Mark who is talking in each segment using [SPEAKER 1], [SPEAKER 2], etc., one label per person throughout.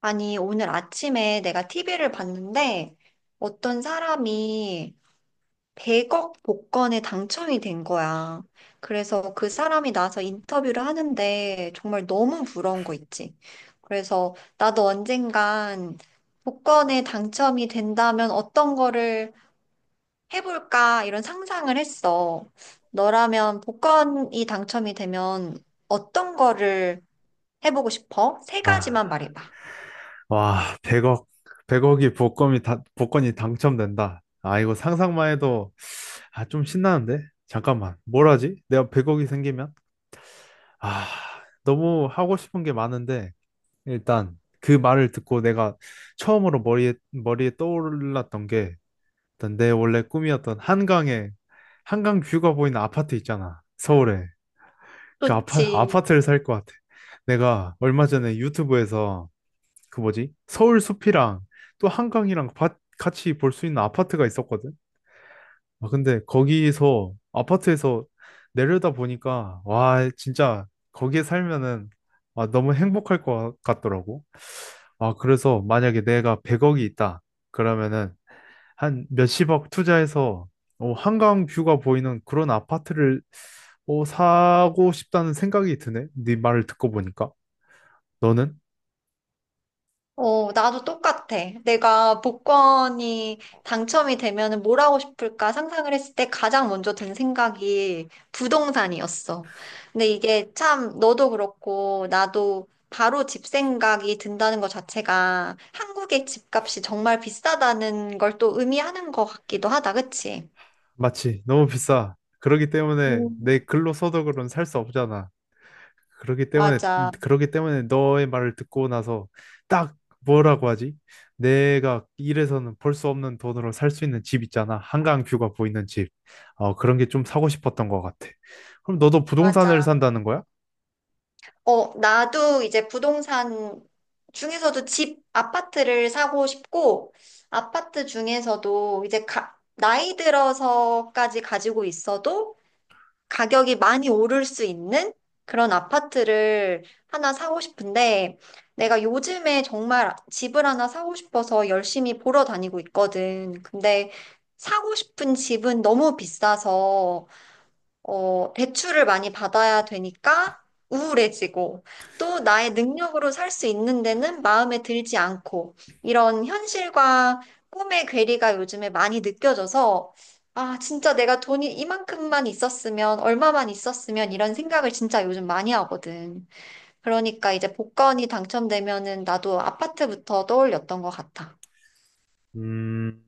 [SPEAKER 1] 아니, 오늘 아침에 내가 TV를 봤는데 어떤 사람이 100억 복권에 당첨이 된 거야. 그래서 그 사람이 나와서 인터뷰를 하는데 정말 너무 부러운 거 있지. 그래서 나도 언젠간 복권에 당첨이 된다면 어떤 거를 해볼까 이런 상상을 했어. 너라면 복권이 당첨이 되면 어떤 거를 해보고 싶어? 세
[SPEAKER 2] 아,
[SPEAKER 1] 가지만 말해봐.
[SPEAKER 2] 와, 100억, 백억이 복권이 당첨된다. 아, 이거 상상만 해도, 아, 좀 신나는데? 잠깐만, 뭘 하지? 내가 100억이 생기면? 아, 너무 하고 싶은 게 많은데, 일단 그 말을 듣고 내가 처음으로 머리에 떠올랐던 게, 일단 내 원래 꿈이었던 한강 뷰가 보이는 아파트 있잖아, 서울에. 그
[SPEAKER 1] 좋지.
[SPEAKER 2] 아파트를 살 것 같아. 내가 얼마 전에 유튜브에서 그 뭐지? 서울 숲이랑 또 한강이랑 밭 같이 볼 수 있는 아파트가 있었거든. 아, 근데 거기서 아파트에서 내려다 보니까 와, 진짜 거기에 살면은 아, 너무 행복할 것 같더라고. 아, 그래서 만약에 내가 100억이 있다. 그러면은 한 몇십억 투자해서 어, 한강 뷰가 보이는 그런 아파트를 어, 사고 싶다는 생각이 드네. 네 말을 듣고 보니까. 너는?
[SPEAKER 1] 나도 똑같아. 내가 복권이 당첨이 되면은 뭘 하고 싶을까 상상을 했을 때 가장 먼저 든 생각이 부동산이었어. 근데 이게 참 너도 그렇고 나도 바로 집 생각이 든다는 것 자체가 한국의 집값이 정말 비싸다는 걸 또 의미하는 것 같기도 하다. 그치?
[SPEAKER 2] 마치 너무 비싸. 그러기 때문에 내
[SPEAKER 1] 음.
[SPEAKER 2] 근로소득으로는 살 수 없잖아. 그러기 때문에
[SPEAKER 1] 맞아,
[SPEAKER 2] 그러기 때문에 너의 말을 듣고 나서 딱 뭐라고 하지? 내가 일해서는 벌 수 없는 돈으로 살 수 있는 집 있잖아. 한강 뷰가 보이는 집. 어, 그런 게 좀 사고 싶었던 것 같아. 그럼 너도 부동산을
[SPEAKER 1] 맞아.
[SPEAKER 2] 산다는 거야?
[SPEAKER 1] 나도 이제 부동산 중에서도 집, 아파트를 사고 싶고, 아파트 중에서도 이제 나이 들어서까지 가지고 있어도 가격이 많이 오를 수 있는 그런 아파트를 하나 사고 싶은데, 내가 요즘에 정말 집을 하나 사고 싶어서 열심히 보러 다니고 있거든. 근데 사고 싶은 집은 너무 비싸서, 대출을 많이 받아야 되니까 우울해지고, 또 나의 능력으로 살 수 있는 데는 마음에 들지 않고, 이런 현실과 꿈의 괴리가 요즘에 많이 느껴져서, 아, 진짜 내가 돈이 이만큼만 있었으면, 얼마만 있었으면, 이런 생각을 진짜 요즘 많이 하거든. 그러니까 이제 복권이 당첨되면은 나도 아파트부터 떠올렸던 것 같아.
[SPEAKER 2] 음,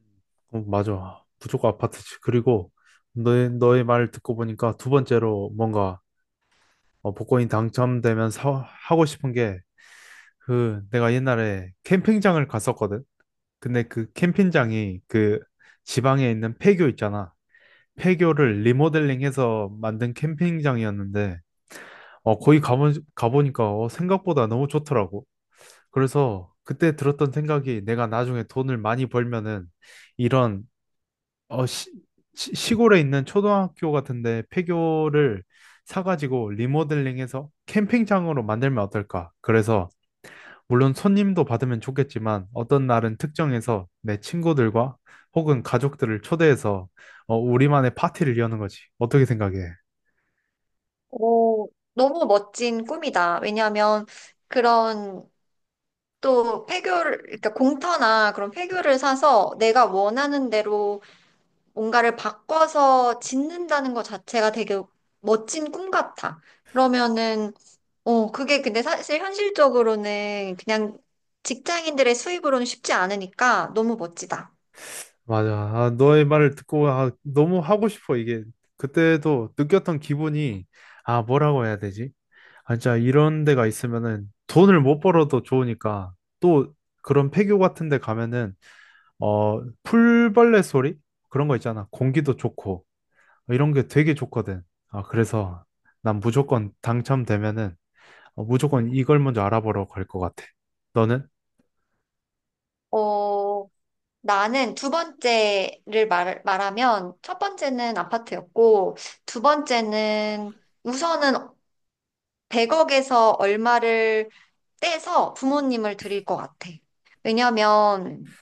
[SPEAKER 2] 어, 맞아. 무조건 아파트지. 그리고 너의 말을 듣고 보니까 두 번째로 뭔가 어, 복권이 당첨되면 하고 싶은 게 그 내가 옛날에 캠핑장을 갔었거든. 근데 그 캠핑장이 그 지방에 있는 폐교 있잖아. 폐교를 리모델링해서 만든 캠핑장이었는데 어 거기 가보니까 어, 생각보다 너무 좋더라고. 그래서 그때 들었던 생각이 내가 나중에 돈을 많이 벌면은 이런 어 시, 시골에 있는 초등학교 같은데 폐교를 사가지고 리모델링해서 캠핑장으로 만들면 어떨까? 그래서 물론 손님도 받으면 좋겠지만 어떤 날은 특정해서 내 친구들과 혹은 가족들을 초대해서 어, 우리만의 파티를 여는 거지. 어떻게 생각해?
[SPEAKER 1] 오, 너무 멋진 꿈이다. 왜냐하면 그런 또 폐교를, 그러니까 공터나 그런 폐교를 사서 내가 원하는 대로 뭔가를 바꿔서 짓는다는 것 자체가 되게 멋진 꿈 같아. 그러면은, 그게 근데 사실 현실적으로는 그냥 직장인들의 수입으로는 쉽지 않으니까 너무 멋지다.
[SPEAKER 2] 맞아. 아, 너의 말을 듣고 아, 너무 하고 싶어. 이게 그때도 느꼈던 기분이 아, 뭐라고 해야 되지? 아, 진짜 이런 데가 있으면은 돈을 못 벌어도 좋으니까 또 그런 폐교 같은 데 가면은 어, 풀벌레 소리? 그런 거 있잖아. 공기도 좋고. 어, 이런 게 되게 좋거든. 아, 그래서 난 무조건 당첨되면은 어, 무조건 이걸 먼저 알아보러 갈 것 같아. 너는?
[SPEAKER 1] 어, 나는 두 번째를 말하면 첫 번째는 아파트였고, 두 번째는 우선은 100억에서 얼마를 떼서 부모님을 드릴 것 같아. 왜냐면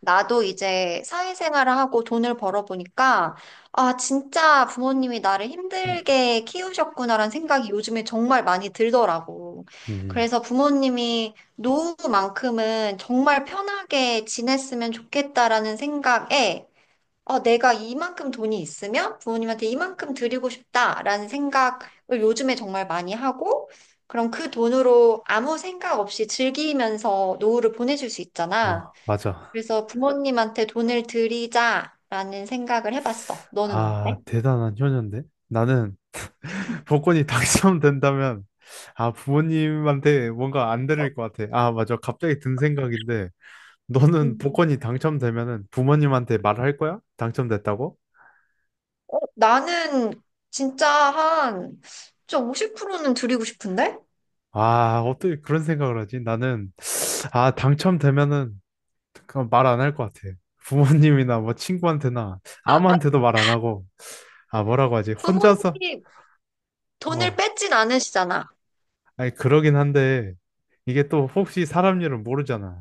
[SPEAKER 1] 나도 이제 사회생활을 하고 돈을 벌어보니까 아, 진짜 부모님이 나를 힘들게 키우셨구나라는 생각이 요즘에 정말 많이 들더라고.
[SPEAKER 2] 음,
[SPEAKER 1] 그래서 부모님이 노후만큼은 정말 편하게 지냈으면 좋겠다라는 생각에 내가 이만큼 돈이 있으면 부모님한테 이만큼 드리고 싶다라는 생각을 요즘에 정말 많이 하고, 그럼 그 돈으로 아무 생각 없이 즐기면서 노후를 보내줄 수 있잖아.
[SPEAKER 2] 어, 맞아.
[SPEAKER 1] 그래서 부모님한테 돈을 드리자라는 생각을 해봤어. 너는
[SPEAKER 2] 아,
[SPEAKER 1] 어때?
[SPEAKER 2] 대단한 효녀인데? 나는 복권이 당첨된다면 아, 부모님한테 뭔가 안 드릴 것 같아. 아, 맞아. 갑자기 든 생각인데 너는
[SPEAKER 1] 음.
[SPEAKER 2] 복권이 당첨되면은 부모님한테 말할 거야? 당첨됐다고?
[SPEAKER 1] 어, 나는 진짜 한, 진짜 50%는 드리고 싶은데?
[SPEAKER 2] 아, 어떻게 그런 생각을 하지? 나는 아, 당첨되면은 그럼 말 안 할 것 같아. 부모님이나 뭐 친구한테나 아무한테도 말 안 하고 아 뭐라고 하지? 혼자서
[SPEAKER 1] 부모님이 돈을
[SPEAKER 2] 어
[SPEAKER 1] 뺏진 않으시잖아.
[SPEAKER 2] 아니 그러긴 한데 이게 또 혹시 사람 일을 모르잖아.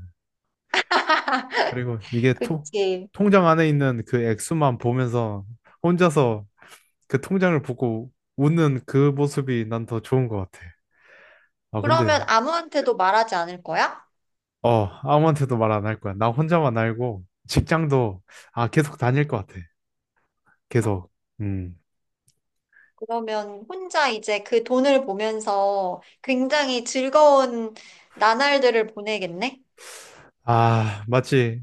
[SPEAKER 2] 그리고 이게 통
[SPEAKER 1] 그치.
[SPEAKER 2] 통장 안에 있는 그 액수만 보면서 혼자서 그 통장을 보고 웃는 그 모습이 난 더 좋은 것 같아. 아 근데
[SPEAKER 1] 그러면 아무한테도 말하지 않을 거야?
[SPEAKER 2] 어 아무한테도 말 안 할 거야. 나 혼자만 알고 직장도 아 계속 다닐 것 같아. 계속 음.
[SPEAKER 1] 그러면 혼자 이제 그 돈을 보면서 굉장히 즐거운 나날들을 보내겠네?
[SPEAKER 2] 아, 마치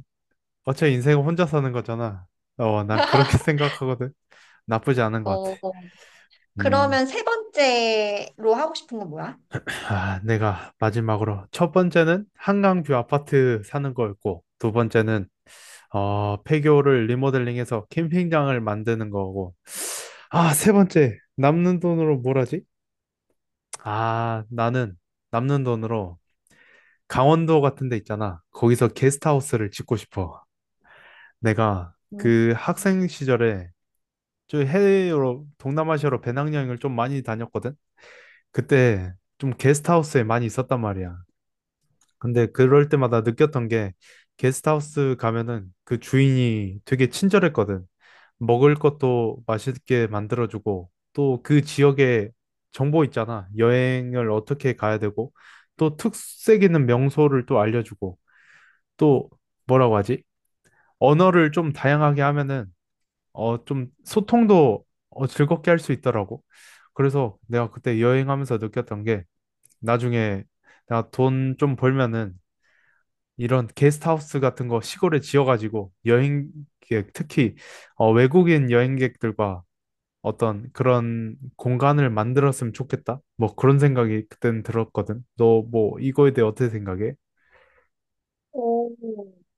[SPEAKER 2] 어차피 인생은 혼자 사는 거잖아. 어, 난 그렇게 생각하거든. 나쁘지 않은 것 같아.
[SPEAKER 1] 어,
[SPEAKER 2] 음,
[SPEAKER 1] 그러면 세 번째로 하고 싶은 건 뭐야?
[SPEAKER 2] 아, 내가 마지막으로 첫 번째는 한강뷰 아파트 사는 거였고, 두 번째는 어, 폐교를 리모델링해서 캠핑장을 만드는 거고, 아, 세 번째 남는 돈으로 뭘 하지? 아, 나는 남는 돈으로 강원도 같은 데 있잖아. 거기서 게스트하우스를 짓고 싶어. 내가
[SPEAKER 1] 음.
[SPEAKER 2] 그 학생 시절에 저 해외로 동남아시아로 배낭여행을 좀 많이 다녔거든. 그때 좀 게스트하우스에 많이 있었단 말이야. 근데 그럴 때마다 느꼈던 게 게스트하우스 가면은 그 주인이 되게 친절했거든. 먹을 것도 맛있게 만들어주고 또 그 지역의 정보 있잖아. 여행을 어떻게 가야 되고 또 특색 있는 명소를 또 알려주고 또 뭐라고 하지? 언어를 좀 다양하게 하면은 어, 좀 소통도 어, 즐겁게 할 수 있더라고. 그래서 내가 그때 여행하면서 느꼈던 게 나중에 내가 돈 좀 벌면은 이런 게스트하우스 같은 거 시골에 지어가지고 여행객, 특히 어, 외국인 여행객들과 어떤 그런 공간을 만들었으면 좋겠다. 뭐 그런 생각이 그땐 들었거든. 너 뭐 이거에 대해 어떻게 생각해?
[SPEAKER 1] 오.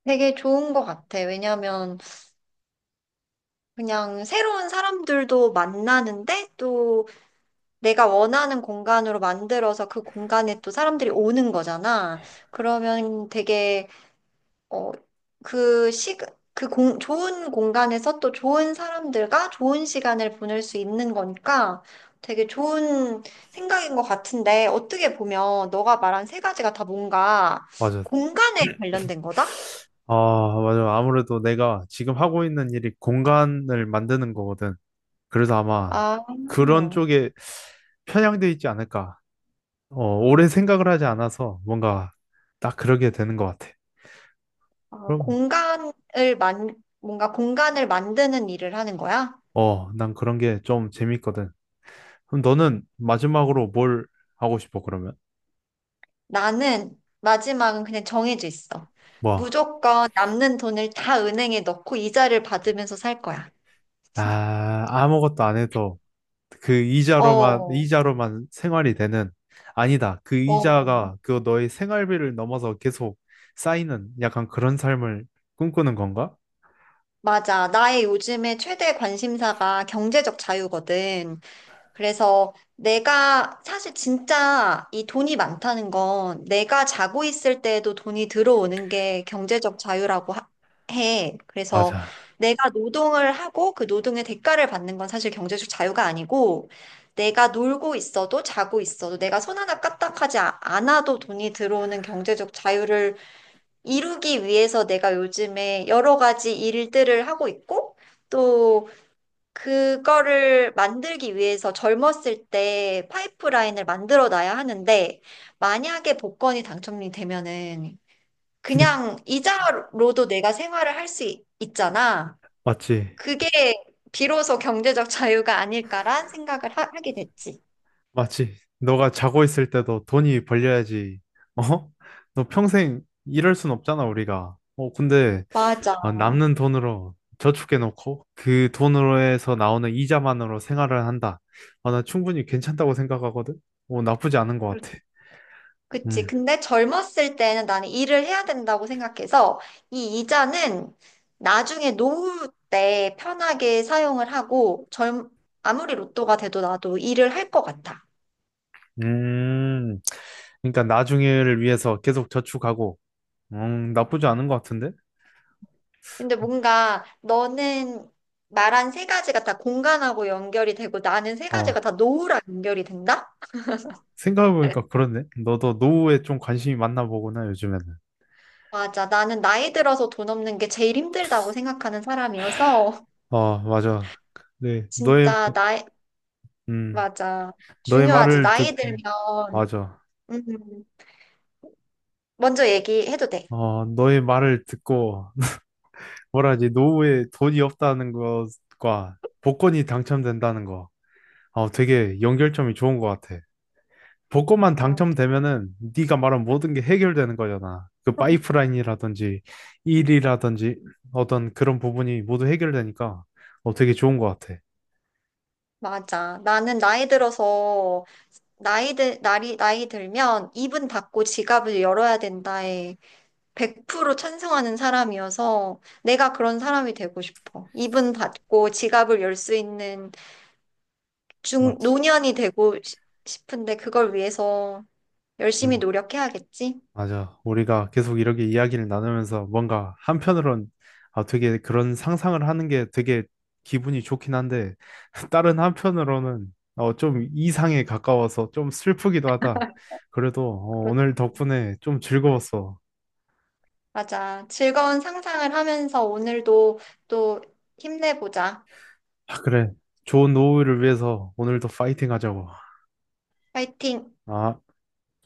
[SPEAKER 1] 되게 좋은 것 같아. 왜냐면 그냥 새로운 사람들도 만나는데 또 내가 원하는 공간으로 만들어서 그 공간에 또 사람들이 오는 거잖아. 그러면 되게 어, 그 시, 좋은 공간에서 또 좋은 사람들과 좋은 시간을 보낼 수 있는 거니까 되게 좋은 생각인 것 같은데 어떻게 보면 너가 말한 세 가지가 다 뭔가
[SPEAKER 2] 맞아.
[SPEAKER 1] 공간에 관련된 거다?
[SPEAKER 2] 아, 맞아. 아무래도 내가 지금 하고 있는 일이 공간을 만드는 거거든. 그래서 아마
[SPEAKER 1] 아,
[SPEAKER 2] 그런 쪽에 편향돼 있지 않을까. 어, 오래 생각을 하지 않아서 뭔가 딱 그러게 되는 것 같아.
[SPEAKER 1] 아,
[SPEAKER 2] 그럼,
[SPEAKER 1] 공간을 만, 뭔가 공간을 만드는 일을 하는 거야?
[SPEAKER 2] 어, 난 그런 게 좀 재밌거든. 그럼 너는 마지막으로 뭘 하고 싶어, 그러면?
[SPEAKER 1] 나는 마지막은 그냥 정해져 있어.
[SPEAKER 2] 뭐,
[SPEAKER 1] 무조건 남는 돈을 다 은행에 넣고 이자를 받으면서 살 거야.
[SPEAKER 2] 아, 아무것도 안 해도 그 이자로만,
[SPEAKER 1] 어.
[SPEAKER 2] 이자로만 생활이 되는, 아니다. 그
[SPEAKER 1] 어,
[SPEAKER 2] 이자가 그 너의 생활비를 넘어서 계속 쌓이는 약간 그런 삶을 꿈꾸는 건가?
[SPEAKER 1] 맞아. 나의 요즘에 최대 관심사가 경제적 자유거든. 그래서 내가 사실 진짜 이 돈이 많다는 건 내가 자고 있을 때에도 돈이 들어오는 게 경제적 자유라고 해. 그래서
[SPEAKER 2] 맞아.
[SPEAKER 1] 내가 노동을 하고 그 노동의 대가를 받는 건 사실 경제적 자유가 아니고 내가 놀고 있어도 자고 있어도 내가 손 하나 까딱하지 않아도 돈이 들어오는 경제적 자유를 이루기 위해서 내가 요즘에 여러 가지 일들을 하고 있고, 또 그거를 만들기 위해서 젊었을 때 파이프라인을 만들어 놔야 하는데, 만약에 복권이 당첨이 되면은 그냥 이자로도 내가 생활을 할 수 있잖아.
[SPEAKER 2] 맞지.
[SPEAKER 1] 그게 비로소 경제적 자유가 아닐까란 생각을 하게 됐지.
[SPEAKER 2] 맞지. 너가 자고 있을 때도 돈이 벌려야지. 어? 너 평생 이럴 순 없잖아, 우리가. 어, 근데
[SPEAKER 1] 맞아.
[SPEAKER 2] 아, 남는 돈으로 저축해놓고 그 돈으로 해서 나오는 이자만으로 생활을 한다. 아, 나 충분히 괜찮다고 생각하거든. 어, 나쁘지 않은 것 같아.
[SPEAKER 1] 그치.
[SPEAKER 2] 음.
[SPEAKER 1] 근데 젊었을 때는 나는 일을 해야 된다고 생각해서 이 이자는 나중에 노후 때 편하게 사용을 하고 젊, 아무리 로또가 돼도 나도 일을 할 것 같아.
[SPEAKER 2] 음. 그러니까 나중에를 위해서 계속 저축하고, 나쁘지 않은 것 같은데?
[SPEAKER 1] 근데 뭔가 너는 말한 세 가지가 다 공간하고 연결이 되고 나는 세 가지가
[SPEAKER 2] 어,
[SPEAKER 1] 다 노후랑 연결이 된다?
[SPEAKER 2] 생각해보니까 그렇네. 너도 노후에 좀 관심이 많나 보구나, 요즘에는.
[SPEAKER 1] 맞아. 나는 나이 들어서 돈 없는 게 제일 힘들다고 생각하는 사람이어서
[SPEAKER 2] 어, 맞아. 네,
[SPEAKER 1] 진짜 나이,
[SPEAKER 2] 음,
[SPEAKER 1] 맞아.
[SPEAKER 2] 너의
[SPEAKER 1] 중요하지.
[SPEAKER 2] 말을 듣,
[SPEAKER 1] 나이 들면.
[SPEAKER 2] 맞아.
[SPEAKER 1] 음. 먼저 얘기해도 돼.
[SPEAKER 2] 어, 너의 말을 듣고, 뭐라 하지, 노후에 돈이 없다는 것과 복권이 당첨된다는 거. 어, 되게 연결점이 좋은 것 같아. 복권만
[SPEAKER 1] 맞아.
[SPEAKER 2] 당첨되면은 네가 말한 모든 게 해결되는 거잖아. 그 파이프라인이라든지 일이라든지 어떤 그런 부분이 모두 해결되니까 어, 되게 좋은 것 같아.
[SPEAKER 1] 맞아. 나는 나이 들어서, 나이 들면 입은 닫고 지갑을 열어야 된다에 100% 찬성하는 사람이어서 내가 그런 사람이 되고 싶어. 입은 닫고 지갑을 열 수 있는
[SPEAKER 2] 맞지.
[SPEAKER 1] 노년이 되고 싶은데 그걸 위해서 열심히
[SPEAKER 2] 음.
[SPEAKER 1] 노력해야겠지?
[SPEAKER 2] 맞아. 우리가 계속 이렇게 이야기를 나누면서 뭔가 한편으론 아, 되게 그런 상상을 하는 게 되게 기분이 좋긴 한데 다른 한편으로는 어, 좀 이상에 가까워서 좀 슬프기도 하다. 그래도 어,
[SPEAKER 1] 그렇-
[SPEAKER 2] 오늘 덕분에 좀 즐거웠어.
[SPEAKER 1] 맞아. 즐거운 상상을 하면서 오늘도 또 힘내보자.
[SPEAKER 2] 아, 그래. 좋은 노후를 위해서 오늘도 파이팅 하자고.
[SPEAKER 1] 파이팅!
[SPEAKER 2] 아.